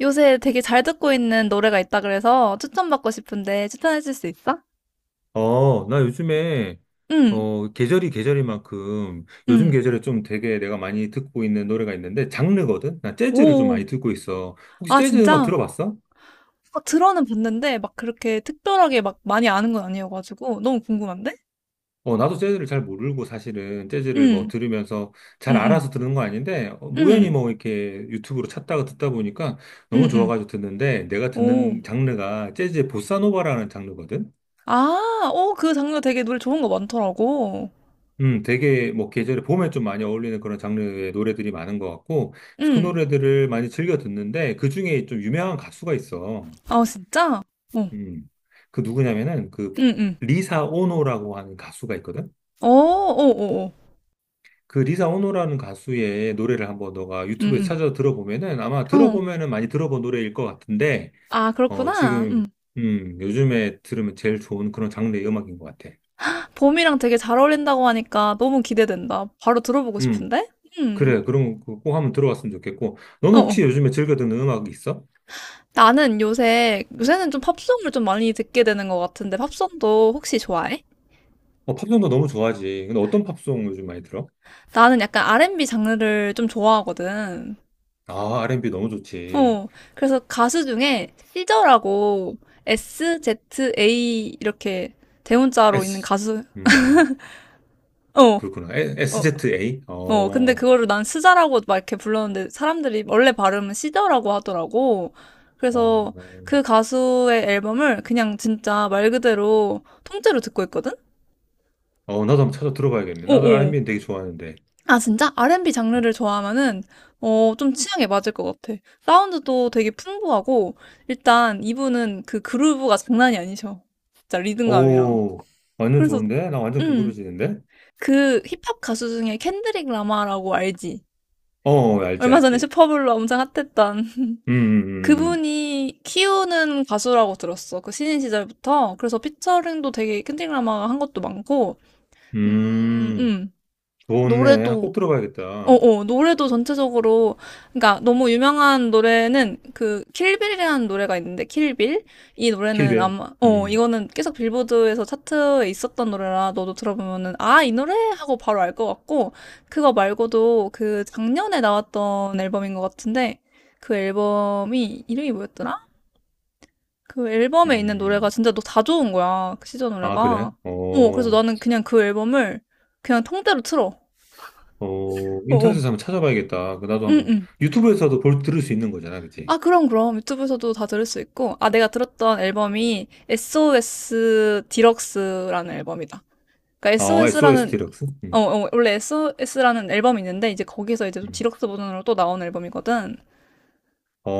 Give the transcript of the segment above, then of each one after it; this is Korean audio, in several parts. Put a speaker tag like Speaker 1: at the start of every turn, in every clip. Speaker 1: 요새 되게 잘 듣고 있는 노래가 있다 그래서 추천받고 싶은데 추천해 줄 수 있어?
Speaker 2: 나 요즘에,
Speaker 1: 응,
Speaker 2: 계절이만큼, 요즘
Speaker 1: 응.
Speaker 2: 계절에 좀 되게 내가 많이 듣고 있는 노래가 있는데, 장르거든? 나 재즈를 좀
Speaker 1: 오,
Speaker 2: 많이 듣고 있어. 혹시
Speaker 1: 아,
Speaker 2: 재즈 음악
Speaker 1: 진짜?
Speaker 2: 들어봤어?
Speaker 1: 아, 들어는 봤는데 막 그렇게 특별하게 막 많이 아는 건 아니어가지고 너무 궁금한데?
Speaker 2: 나도 재즈를 잘 모르고 사실은 재즈를 뭐
Speaker 1: 응,
Speaker 2: 들으면서
Speaker 1: 응,
Speaker 2: 잘
Speaker 1: 응,
Speaker 2: 알아서 듣는 거 아닌데, 우연히
Speaker 1: 응,
Speaker 2: 뭐 이렇게 유튜브로 찾다가 듣다 보니까
Speaker 1: 응,
Speaker 2: 너무
Speaker 1: 응.
Speaker 2: 좋아가지고 듣는데, 내가
Speaker 1: 오,
Speaker 2: 듣는 장르가 재즈의 보사노바라는 장르거든?
Speaker 1: 아, 오, 그 장르 되게 노래 좋은 거 많더라고.
Speaker 2: 되게 뭐 계절에 봄에 좀 많이 어울리는 그런 장르의 노래들이 많은 것 같고 그래서 그
Speaker 1: 응,
Speaker 2: 노래들을 많이 즐겨 듣는데 그 중에 좀 유명한 가수가 있어.
Speaker 1: 아, 진짜? 어,
Speaker 2: 음, 그 누구냐면은 그
Speaker 1: 응, 응.
Speaker 2: 리사 오노라고 하는 가수가 있거든.
Speaker 1: 오, 오, 오, 오.
Speaker 2: 그 리사 오노라는 가수의 노래를 한번 너가 유튜브에
Speaker 1: 응,
Speaker 2: 찾아 들어보면은 아마
Speaker 1: 응. 어,
Speaker 2: 들어보면은 많이 들어본 노래일 것 같은데
Speaker 1: 아,
Speaker 2: 어
Speaker 1: 그렇구나. 음.
Speaker 2: 지금 요즘에 들으면 제일 좋은 그런 장르의 음악인 것 같아.
Speaker 1: 봄이랑 되게 잘 어울린다고 하니까 너무 기대된다. 바로 들어보고
Speaker 2: 음,
Speaker 1: 싶은데? 음,
Speaker 2: 그래 그럼 그거 꼭 한번 들어봤으면 좋겠고
Speaker 1: 어,
Speaker 2: 너는 혹시
Speaker 1: 어.
Speaker 2: 요즘에 즐겨 듣는 음악이 있어?
Speaker 1: 나는 요새는 좀 팝송을 좀 많이 듣게 되는 것 같은데, 팝송도 혹시 좋아해?
Speaker 2: 어, 팝송도 너무 좋아하지. 근데 어떤 팝송 요즘 많이 들어?
Speaker 1: 나는 약간 R&B 장르를 좀 좋아하거든.
Speaker 2: 아, R&B 너무 좋지.
Speaker 1: 어, 그래서 가수 중에 시저라고 SZA 이렇게 대문자로 있는
Speaker 2: S,
Speaker 1: 가수,
Speaker 2: 음,
Speaker 1: 어,
Speaker 2: 그렇구나.
Speaker 1: 어,
Speaker 2: SZA?
Speaker 1: 근데 그거를 난 스자라고 막 이렇게 불렀는데 사람들이 원래 발음은 시더라고 하더라고.
Speaker 2: 어,
Speaker 1: 그래서 그 가수의 앨범을 그냥 진짜 말 그대로 통째로 듣고 있거든?
Speaker 2: 어, 나도 한번 찾아 들어봐야겠네. 나도
Speaker 1: 어어.
Speaker 2: R&B 는 되게 좋아하는데.
Speaker 1: 아, 진짜? R&B
Speaker 2: 음.
Speaker 1: 장르를 좋아하면은, 어, 좀 취향에 맞을 것 같아. 사운드도 되게 풍부하고, 일단 이분은 그 그루브가 장난이 아니셔. 진짜 리듬감이랑.
Speaker 2: 오, 완전
Speaker 1: 그래서,
Speaker 2: 좋은데? 나 완전
Speaker 1: 음,
Speaker 2: 궁금해지는데?
Speaker 1: 그 힙합 가수 중에 켄드릭 라마라고 알지?
Speaker 2: 어, 어, 알지,
Speaker 1: 얼마 전에
Speaker 2: 알지.
Speaker 1: 슈퍼블로 엄청 핫했던.
Speaker 2: 음, 음, 음,
Speaker 1: 그분이 키우는 가수라고 들었어. 그 신인 시절부터. 그래서 피처링도 되게 캔디라마가 한 것도 많고,
Speaker 2: 음,
Speaker 1: 음,
Speaker 2: 음, 음,
Speaker 1: 음.
Speaker 2: 좋네. 아,
Speaker 1: 노래도,
Speaker 2: 꼭 들어봐야겠다.
Speaker 1: 노래도 전체적으로, 그러니까 너무 유명한 노래는 그 킬빌이라는 노래가 있는데, 킬빌? 이 노래는
Speaker 2: 킬베요.
Speaker 1: 아마,
Speaker 2: 음,
Speaker 1: 이거는 계속 빌보드에서 차트에 있었던 노래라 너도 들어보면은, 아, 이 노래? 하고 바로 알 것 같고, 그거 말고도 그 작년에 나왔던 앨범인 것 같은데, 그 앨범이 이름이 뭐였더라? 그 앨범에 있는 노래가
Speaker 2: 음.
Speaker 1: 진짜 너 다 좋은 거야. 그 시저
Speaker 2: 아, 그래?
Speaker 1: 노래가. 그래서
Speaker 2: 어,
Speaker 1: 나는 그냥 그 앨범을 그냥 통째로 틀어.
Speaker 2: 어,
Speaker 1: 어, 어.
Speaker 2: 인터넷에서 한번 찾아봐야겠다. 그 나도
Speaker 1: 응,
Speaker 2: 한번
Speaker 1: 응.
Speaker 2: 유튜브에서도 볼 들을 수 있는 거잖아, 그치?
Speaker 1: 아, 그럼, 그럼. 유튜브에서도 다 들을 수 있고. 아, 내가 들었던 앨범이 SOS 디럭스라는 앨범이다. 그러니까
Speaker 2: 어, SOS
Speaker 1: SOS라는,
Speaker 2: 디럭스?
Speaker 1: 원래 SOS라는 앨범이 있는데, 이제 거기서 이제 좀
Speaker 2: 음.
Speaker 1: 디럭스 버전으로 또 나온 앨범이거든.
Speaker 2: 어,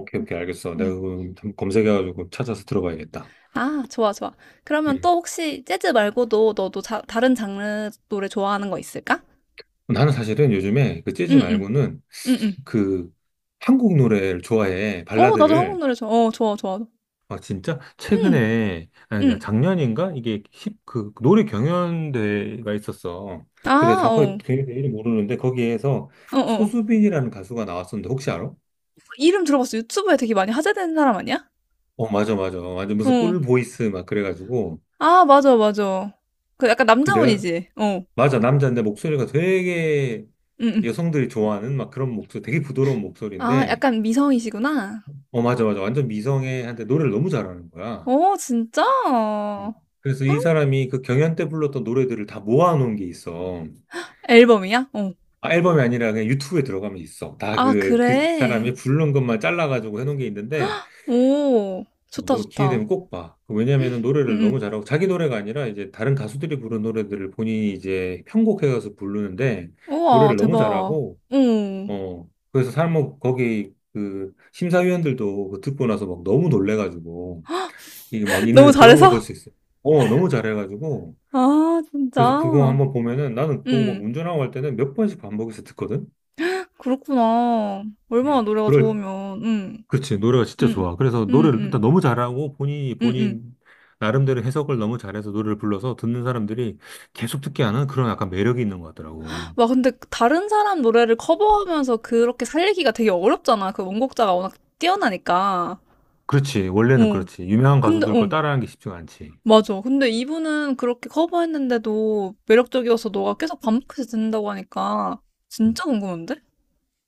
Speaker 2: 오케이,
Speaker 1: 음,
Speaker 2: 오케이, 알겠어. 내가
Speaker 1: 음.
Speaker 2: 그거 한번 검색해가지고 찾아서 들어봐야겠다.
Speaker 1: 아, 좋아, 좋아. 그러면 또
Speaker 2: 음.
Speaker 1: 혹시 재즈 말고도 너도 다른 장르 노래 좋아하는 거 있을까?
Speaker 2: 나는 사실은 요즘에 그 재즈
Speaker 1: 응, 응.
Speaker 2: 말고는
Speaker 1: 음음.
Speaker 2: 그 한국 노래를 좋아해,
Speaker 1: 어 나도 한국
Speaker 2: 발라드를.
Speaker 1: 노래 좋아. 어 좋아 좋아.
Speaker 2: 아, 진짜?
Speaker 1: 음.
Speaker 2: 최근에, 아니, 야,
Speaker 1: 음.
Speaker 2: 작년인가? 이게 노래 경연대회가 있었어. 근데
Speaker 1: 아,
Speaker 2: 정확하게
Speaker 1: 어.
Speaker 2: 경연대 이름 모르는데 거기에서
Speaker 1: 어, 어.
Speaker 2: 소수빈이라는 가수가 나왔었는데 혹시 알아?
Speaker 1: 이름 들어봤어. 유튜브에 되게 많이 화제되는 사람 아니야?
Speaker 2: 어, 맞아, 맞아. 완전 무슨
Speaker 1: 어.
Speaker 2: 꿀 보이스 막 그래가지고.
Speaker 1: 아, 맞아, 맞아. 그 약간
Speaker 2: 그 내가,
Speaker 1: 남자분이지. 어.
Speaker 2: 맞아. 남자인데 목소리가 되게
Speaker 1: 음. 음.
Speaker 2: 여성들이 좋아하는 막 그런 목소리, 되게 부드러운
Speaker 1: 아,
Speaker 2: 목소리인데,
Speaker 1: 약간 미성이시구나.
Speaker 2: 어, 맞아, 맞아. 완전 미성애한테 노래를 너무 잘하는 거야.
Speaker 1: 어, 진짜?
Speaker 2: 음. 그래서 이 사람이 그 경연 때 불렀던 노래들을 다 모아놓은 게 있어.
Speaker 1: 앨범이야? 어.
Speaker 2: 아, 앨범이 아니라 그냥 유튜브에 들어가면 있어.
Speaker 1: 아,
Speaker 2: 그
Speaker 1: 그래.
Speaker 2: 사람이 부른 것만 잘라가지고 해놓은 게 있는데,
Speaker 1: 오.
Speaker 2: 어,
Speaker 1: 좋다,
Speaker 2: 너 기회
Speaker 1: 좋다.
Speaker 2: 되면 꼭 봐. 그 왜냐면은
Speaker 1: 음.
Speaker 2: 노래를 너무
Speaker 1: 음.
Speaker 2: 잘하고 자기 노래가 아니라 이제 다른 가수들이 부른 노래들을 본인이 이제 편곡해가서 부르는데
Speaker 1: 우와,
Speaker 2: 노래를 너무
Speaker 1: 대박.
Speaker 2: 잘하고
Speaker 1: 응.
Speaker 2: 그래서 사람 뭐 거기 그 심사위원들도 그거 듣고 나서 막 너무 놀래가지고 이게 막
Speaker 1: 너무
Speaker 2: 있는 그런 걸 볼
Speaker 1: 잘해서?
Speaker 2: 수 있어요. 너무 잘해가지고
Speaker 1: 아,
Speaker 2: 그래서 그거
Speaker 1: 진짜.
Speaker 2: 한번 보면은 나는 그거 막
Speaker 1: 음.
Speaker 2: 운전하고 할 때는 몇 번씩 반복해서 듣거든.
Speaker 1: 그렇구나. 얼마나
Speaker 2: 음.
Speaker 1: 노래가
Speaker 2: 그럴
Speaker 1: 좋으면. 응.
Speaker 2: 그렇지. 노래가 진짜
Speaker 1: 응.
Speaker 2: 좋아. 그래서
Speaker 1: 응.
Speaker 2: 노래를
Speaker 1: 응.
Speaker 2: 일단 너무 잘하고 본인이
Speaker 1: 응. 응.
Speaker 2: 본인 나름대로 해석을 너무 잘해서 노래를 불러서 듣는 사람들이 계속 듣게 하는 그런 약간 매력이 있는 것 같더라고.
Speaker 1: 와, 근데 다른 사람 노래를 커버하면서 그렇게 살리기가 되게 어렵잖아. 그 원곡자가 워낙 뛰어나니까.
Speaker 2: 그렇지. 원래는
Speaker 1: 어.
Speaker 2: 그렇지. 유명한
Speaker 1: 근데
Speaker 2: 가수들 걸
Speaker 1: 어.
Speaker 2: 따라하는 게 쉽지가 않지.
Speaker 1: 맞아. 근데 이분은 그렇게 커버했는데도 매력적이어서 너가 계속 반복해서 듣는다고 하니까
Speaker 2: 음.
Speaker 1: 진짜 궁금한데?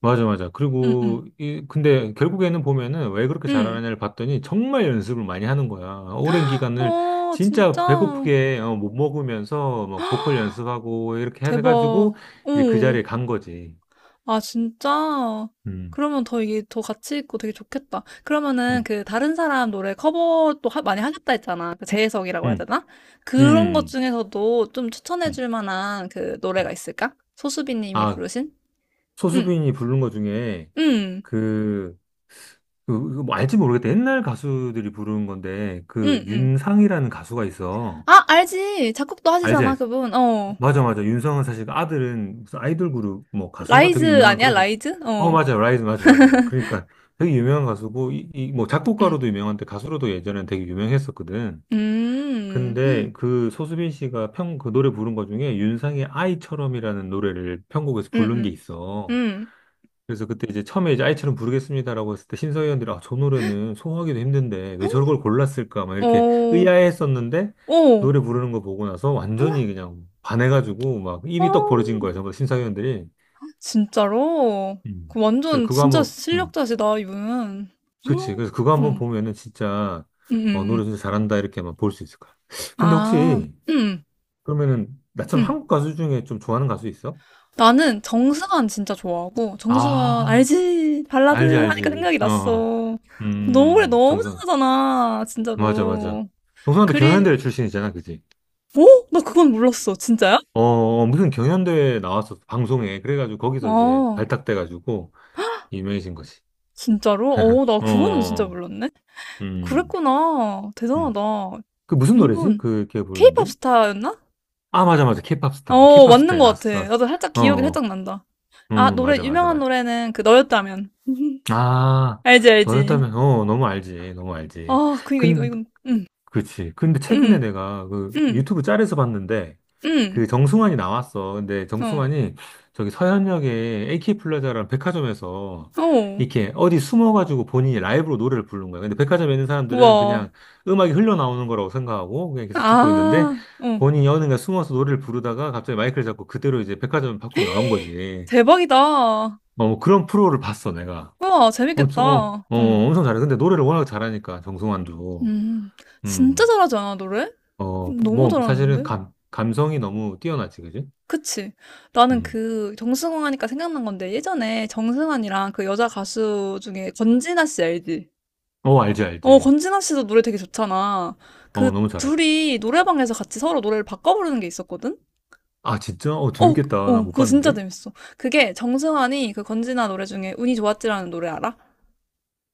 Speaker 2: 맞아, 맞아.
Speaker 1: 응. 응.
Speaker 2: 그리고 이 근데 결국에는 보면은 왜 그렇게
Speaker 1: 응.
Speaker 2: 잘하느냐를 봤더니 정말 연습을 많이 하는 거야. 오랜 기간을
Speaker 1: 아,
Speaker 2: 진짜
Speaker 1: 진짜
Speaker 2: 배고프게 어, 못 먹으면서 막 보컬 연습하고 이렇게
Speaker 1: 대박.
Speaker 2: 해가지고
Speaker 1: 어.
Speaker 2: 이제 그 자리에 간 거지.
Speaker 1: 아, 진짜?
Speaker 2: 음.
Speaker 1: 그러면 더 이게 더 가치 있고 되게 좋겠다. 그러면은
Speaker 2: 음.
Speaker 1: 그 다른 사람 노래 커버도 많이 하셨다 했잖아. 그 재해석이라고 해야
Speaker 2: 음.
Speaker 1: 되나? 그런 것
Speaker 2: 음.
Speaker 1: 중에서도 좀 추천해
Speaker 2: 음,
Speaker 1: 줄 만한 그
Speaker 2: 음.
Speaker 1: 노래가 있을까? 소수비 님이
Speaker 2: 아,
Speaker 1: 부르신? 응,
Speaker 2: 소수빈이 부른 거 중에
Speaker 1: 응,
Speaker 2: 그, 그뭐 알지 모르겠다. 옛날 가수들이 부르는 건데 그
Speaker 1: 응, 응.
Speaker 2: 윤상이라는 가수가 있어.
Speaker 1: 아, 알지. 작곡도
Speaker 2: 알지,
Speaker 1: 하시잖아,
Speaker 2: 알지.
Speaker 1: 그분. 어.
Speaker 2: 맞아, 맞아. 윤상은 사실 그 아들은 무슨 아이돌 그룹 뭐 가수인가 되게
Speaker 1: 라이즈
Speaker 2: 유명한
Speaker 1: 아니야?
Speaker 2: 그래서
Speaker 1: 라이즈?
Speaker 2: 어
Speaker 1: 어.
Speaker 2: 맞아 라이즈 맞아 맞아 그러니까 되게 유명한 가수고 이 뭐
Speaker 1: 응,
Speaker 2: 작곡가로도 유명한데 가수로도 예전엔 되게 유명했었거든.
Speaker 1: 음,
Speaker 2: 근데 그 소수빈 씨가 편 그 노래 부른 거 중에 윤상의 아이처럼이라는 노래를 편곡에서
Speaker 1: 음,
Speaker 2: 부른 게
Speaker 1: 음,
Speaker 2: 있어.
Speaker 1: 음.
Speaker 2: 그래서 그때 이제 처음에 이제 아이처럼 부르겠습니다라고 했을 때 심사위원들이 아, 저 노래는 소화하기도 힘든데 왜 저걸 골랐을까 막
Speaker 1: 어,
Speaker 2: 이렇게
Speaker 1: 어,
Speaker 2: 의아해했었는데 노래 부르는 거 보고 나서 완전히 그냥 반해가지고 막
Speaker 1: 어.
Speaker 2: 입이 떡 벌어진 거예요. 전부 다 심사위원들이.
Speaker 1: 진짜로?
Speaker 2: 음.
Speaker 1: 그
Speaker 2: 그래서
Speaker 1: 완전
Speaker 2: 그거
Speaker 1: 진짜
Speaker 2: 한번, 음,
Speaker 1: 실력자시다, 이분. 응,
Speaker 2: 그치. 그래서 그거 한번
Speaker 1: 응,
Speaker 2: 보면은 진짜
Speaker 1: 응.
Speaker 2: 어, 노래
Speaker 1: 응.
Speaker 2: 진짜 잘한다 이렇게만 볼 수 있을 거야. 근데
Speaker 1: 아,
Speaker 2: 혹시
Speaker 1: 응,
Speaker 2: 그러면은 나처럼
Speaker 1: 응.
Speaker 2: 한국 가수 중에 좀 좋아하는 가수 있어?
Speaker 1: 나는 정승환 진짜 좋아하고, 정승환,
Speaker 2: 아,
Speaker 1: 알지?
Speaker 2: 알지,
Speaker 1: 발라드 하니까
Speaker 2: 알지.
Speaker 1: 생각이 났어. 노래 너무
Speaker 2: 정선.
Speaker 1: 잘하잖아,
Speaker 2: 맞아, 맞아.
Speaker 1: 진짜로.
Speaker 2: 정수환도
Speaker 1: 그리,
Speaker 2: 경연대 출신이잖아, 그지?
Speaker 1: 어? 나 그건 몰랐어. 진짜야?
Speaker 2: 어, 어, 무슨 경연대회 나왔었어, 방송에. 그래가지고 거기서 이제
Speaker 1: 아,
Speaker 2: 발탁돼가지고 유명해진 거지.
Speaker 1: 진짜로? 어, 나
Speaker 2: 어,
Speaker 1: 그거는 진짜
Speaker 2: 어, 어.
Speaker 1: 몰랐네?
Speaker 2: 음,
Speaker 1: 그랬구나.
Speaker 2: 음.
Speaker 1: 대단하다.
Speaker 2: 그 무슨 노래지?
Speaker 1: 이분,
Speaker 2: 그, 걔 부르는
Speaker 1: 케이팝
Speaker 2: 게?
Speaker 1: 스타였나?
Speaker 2: 아, 맞아, 맞아. 케이팝 스타.
Speaker 1: 어,
Speaker 2: 케이팝
Speaker 1: 맞는
Speaker 2: 스타에
Speaker 1: 것
Speaker 2: 나왔었어.
Speaker 1: 같아.
Speaker 2: 맞아.
Speaker 1: 나도 살짝
Speaker 2: 어,
Speaker 1: 기억이
Speaker 2: 어,
Speaker 1: 살짝 난다. 아,
Speaker 2: 맞아, 맞아,
Speaker 1: 유명한
Speaker 2: 맞아.
Speaker 1: 노래는 그 너였다면.
Speaker 2: 아,
Speaker 1: 알지, 알지.
Speaker 2: 너였다면, 어, 너무 알지. 너무 알지.
Speaker 1: 아, 그니까
Speaker 2: 근
Speaker 1: 이건, 응,
Speaker 2: 그치. 근데 최근에
Speaker 1: 응,
Speaker 2: 내가 그
Speaker 1: 응,
Speaker 2: 유튜브 짤에서 봤는데
Speaker 1: 응,
Speaker 2: 그 정승환이 나왔어. 근데
Speaker 1: 어,
Speaker 2: 정승환이 저기 서현역에 AK 플라자라는 백화점에서
Speaker 1: 어,
Speaker 2: 이렇게 어디 숨어가지고 본인이 라이브로 노래를 부른 거야. 근데 백화점에 있는 사람들은
Speaker 1: 우와.
Speaker 2: 그냥 음악이 흘러나오는 거라고 생각하고 그냥 계속 듣고
Speaker 1: 아,
Speaker 2: 있는데
Speaker 1: 어,
Speaker 2: 본인이 어느 날 숨어서 노래를 부르다가 갑자기 마이크를 잡고 그대로 이제 백화점 밖으로 나온 거지.
Speaker 1: 대박이다.
Speaker 2: 어, 뭐 그런 프로를 봤어, 내가.
Speaker 1: 우와,
Speaker 2: 엄청, 어,
Speaker 1: 재밌겠다.
Speaker 2: 어,
Speaker 1: 응,
Speaker 2: 엄청 잘해. 근데 노래를 워낙 잘하니까, 정승환도.
Speaker 1: 음, 진짜
Speaker 2: 음.
Speaker 1: 잘하지 않아, 노래?
Speaker 2: 어,
Speaker 1: 너무
Speaker 2: 뭐, 사실은
Speaker 1: 잘하는데?
Speaker 2: 감성이 너무 뛰어나지, 그지?
Speaker 1: 그치? 나는
Speaker 2: 음.
Speaker 1: 그 정승환 하니까 생각난 건데 예전에 정승환이랑 그 여자 가수 중에 권진아 씨 알지?
Speaker 2: 어, 알지,
Speaker 1: 어,
Speaker 2: 알지.
Speaker 1: 권진아 씨도 노래 되게 좋잖아.
Speaker 2: 어,
Speaker 1: 그
Speaker 2: 너무 잘하지.
Speaker 1: 둘이 노래방에서 같이 서로 노래를 바꿔 부르는 게 있었거든?
Speaker 2: 아, 진짜? 어,
Speaker 1: 어,
Speaker 2: 재밌겠다. 나
Speaker 1: 어,
Speaker 2: 못
Speaker 1: 그거 진짜
Speaker 2: 봤는데?
Speaker 1: 재밌어. 그게 정승환이 그 권진아 노래 중에 운이 좋았지라는 노래 알아?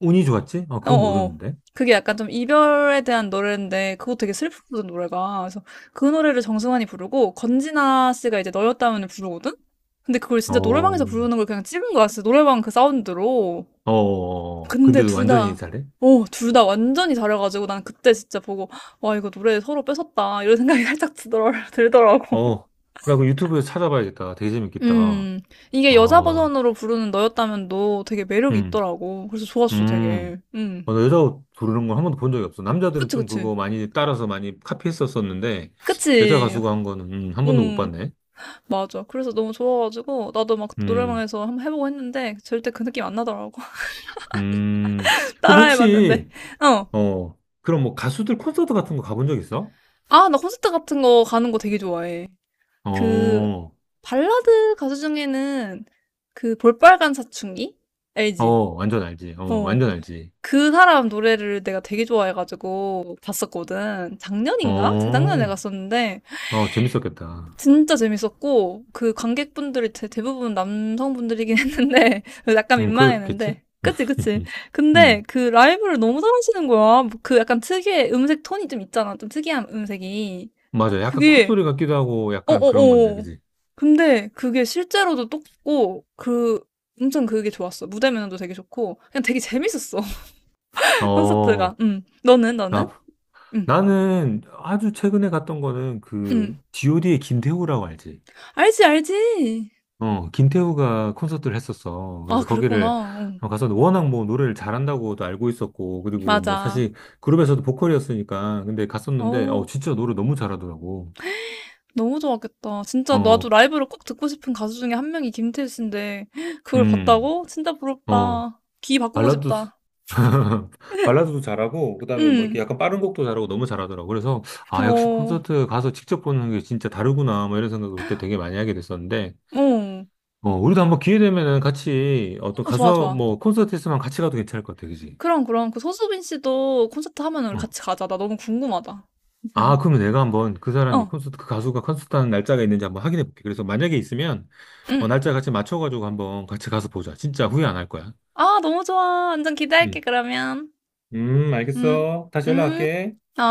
Speaker 2: 운이 좋았지? 아,
Speaker 1: 어,
Speaker 2: 그건
Speaker 1: 어. 어.
Speaker 2: 모르는데.
Speaker 1: 그게 약간 좀 이별에 대한 노래인데 그거 되게 슬프거든 노래가. 그래서 그 노래를 정승환이 부르고 권진아 씨가 이제 너였다면을 부르거든? 근데 그걸 진짜 노래방에서
Speaker 2: 어,
Speaker 1: 부르는 걸 그냥 찍은 거야. 진짜 노래방 그 사운드로. 근데
Speaker 2: 근데도 완전히 잘해?
Speaker 1: 둘 다 완전히 잘해가지고 난 그때 진짜 보고, 와, 이거 노래 서로 뺏었다. 이런 생각이 살짝 들더라고.
Speaker 2: 어, 나 그 유튜브에서 찾아봐야겠다. 되게 재밌겠다.
Speaker 1: 음, 이게 여자
Speaker 2: 어,
Speaker 1: 버전으로 부르는 너였다면 너 되게 매력이
Speaker 2: 음,
Speaker 1: 있더라고. 그래서 좋았어, 되게.
Speaker 2: 음. 어, 나 여자 옷 부르는 걸 한 번도 본 적이 없어. 남자들은
Speaker 1: 그치,
Speaker 2: 좀
Speaker 1: 그치.
Speaker 2: 그거 많이 따라서 많이 카피했었었는데, 여자
Speaker 1: 그치.
Speaker 2: 가수가 한 거는, 한 번도 못
Speaker 1: 응,
Speaker 2: 봤네.
Speaker 1: 맞아. 그래서 너무 좋아가지고, 나도 막
Speaker 2: 음,
Speaker 1: 노래방에서 한번 해보고 했는데, 절대 그 느낌 안 나더라고.
Speaker 2: 음. 그럼
Speaker 1: 따라해봤는데,
Speaker 2: 혹시,
Speaker 1: 어.
Speaker 2: 어, 그럼 뭐 가수들 콘서트 같은 거 가본 적 있어?
Speaker 1: 아, 나 콘서트 같은 거 가는 거 되게 좋아해. 그
Speaker 2: 어,
Speaker 1: 발라드 가수 중에는 그 볼빨간 사춘기?
Speaker 2: 어,
Speaker 1: 알지?
Speaker 2: 완전 알지. 어,
Speaker 1: 어.
Speaker 2: 완전 알지.
Speaker 1: 그 사람 노래를 내가 되게 좋아해가지고 봤었거든. 작년인가?
Speaker 2: 어,
Speaker 1: 재작년에 갔었는데
Speaker 2: 어, 재밌었겠다.
Speaker 1: 진짜 재밌었고 그 관객분들이 대부분 남성분들이긴 했는데 약간
Speaker 2: 그렇겠지?
Speaker 1: 민망했는데 그치 그치. 근데
Speaker 2: 음,
Speaker 1: 그 라이브를 너무 잘하시는 거야. 뭐 그 약간 특유의 음색 톤이 좀 있잖아. 좀 특이한 음색이.
Speaker 2: 맞아. 약간
Speaker 1: 그게
Speaker 2: 콧소리 같기도 하고 약간 그런 건데,
Speaker 1: 어어어.
Speaker 2: 그지?
Speaker 1: 근데 그게 실제로도 똑고 그 엄청 그게 좋았어. 무대 매너도 되게 좋고 그냥 되게 재밌었어. 콘서트가.
Speaker 2: 어,
Speaker 1: 음. 너는
Speaker 2: 나,
Speaker 1: 너는? 음.
Speaker 2: 나는 아주 최근에 갔던 거는
Speaker 1: 음.
Speaker 2: 그, d o d 의 김태우라고 알지?
Speaker 1: 알지 알지.
Speaker 2: 어, 김태우가 콘서트를 했었어.
Speaker 1: 아,
Speaker 2: 그래서 거기를
Speaker 1: 그랬구나. 응.
Speaker 2: 가서 워낙 뭐 노래를 잘한다고도 알고 있었고, 그리고 뭐
Speaker 1: 맞아.
Speaker 2: 사실 그룹에서도 보컬이었으니까, 근데 갔었는데, 어,
Speaker 1: 어우.
Speaker 2: 진짜 노래 너무 잘하더라고.
Speaker 1: 너무 좋았겠다. 진짜 나도
Speaker 2: 어,
Speaker 1: 라이브를 꼭 듣고 싶은 가수 중에 한 명이 김태우 씨인데 그걸
Speaker 2: 음,
Speaker 1: 봤다고? 진짜
Speaker 2: 어,
Speaker 1: 부럽다. 귀 바꾸고
Speaker 2: 발라드,
Speaker 1: 싶다.
Speaker 2: 발라드도 잘하고, 그다음에 뭐
Speaker 1: 응.
Speaker 2: 이렇게 약간 빠른 곡도 잘하고 너무 잘하더라고. 그래서, 아,
Speaker 1: 그럼.
Speaker 2: 역시
Speaker 1: 어.
Speaker 2: 콘서트 가서 직접 보는 게 진짜 다르구나, 뭐 이런 생각을 그때 되게 많이 하게 됐었는데, 어, 우리도 한번 기회 되면은 같이 어떤
Speaker 1: 어, 좋아
Speaker 2: 가수,
Speaker 1: 좋아.
Speaker 2: 뭐 콘서트에서만 같이 가도 괜찮을 것 같아, 그지?
Speaker 1: 그럼, 그럼. 그 소수빈 씨도 콘서트 하면 우리
Speaker 2: 어.
Speaker 1: 같이 가자. 나 너무 궁금하다.
Speaker 2: 아, 그러면 내가 한번 그 사람이
Speaker 1: 어,
Speaker 2: 콘서트, 그 가수가 콘서트 하는 날짜가 있는지 한번 확인해 볼게. 그래서 만약에 있으면, 어,
Speaker 1: 응.
Speaker 2: 날짜 같이 맞춰가지고 한번 같이 가서 보자. 진짜 후회 안 할 거야.
Speaker 1: 아, 너무 좋아. 완전 기대할게,
Speaker 2: 음.
Speaker 1: 그러면. 응,
Speaker 2: 알겠어. 다시
Speaker 1: 응,
Speaker 2: 연락할게.
Speaker 1: 어.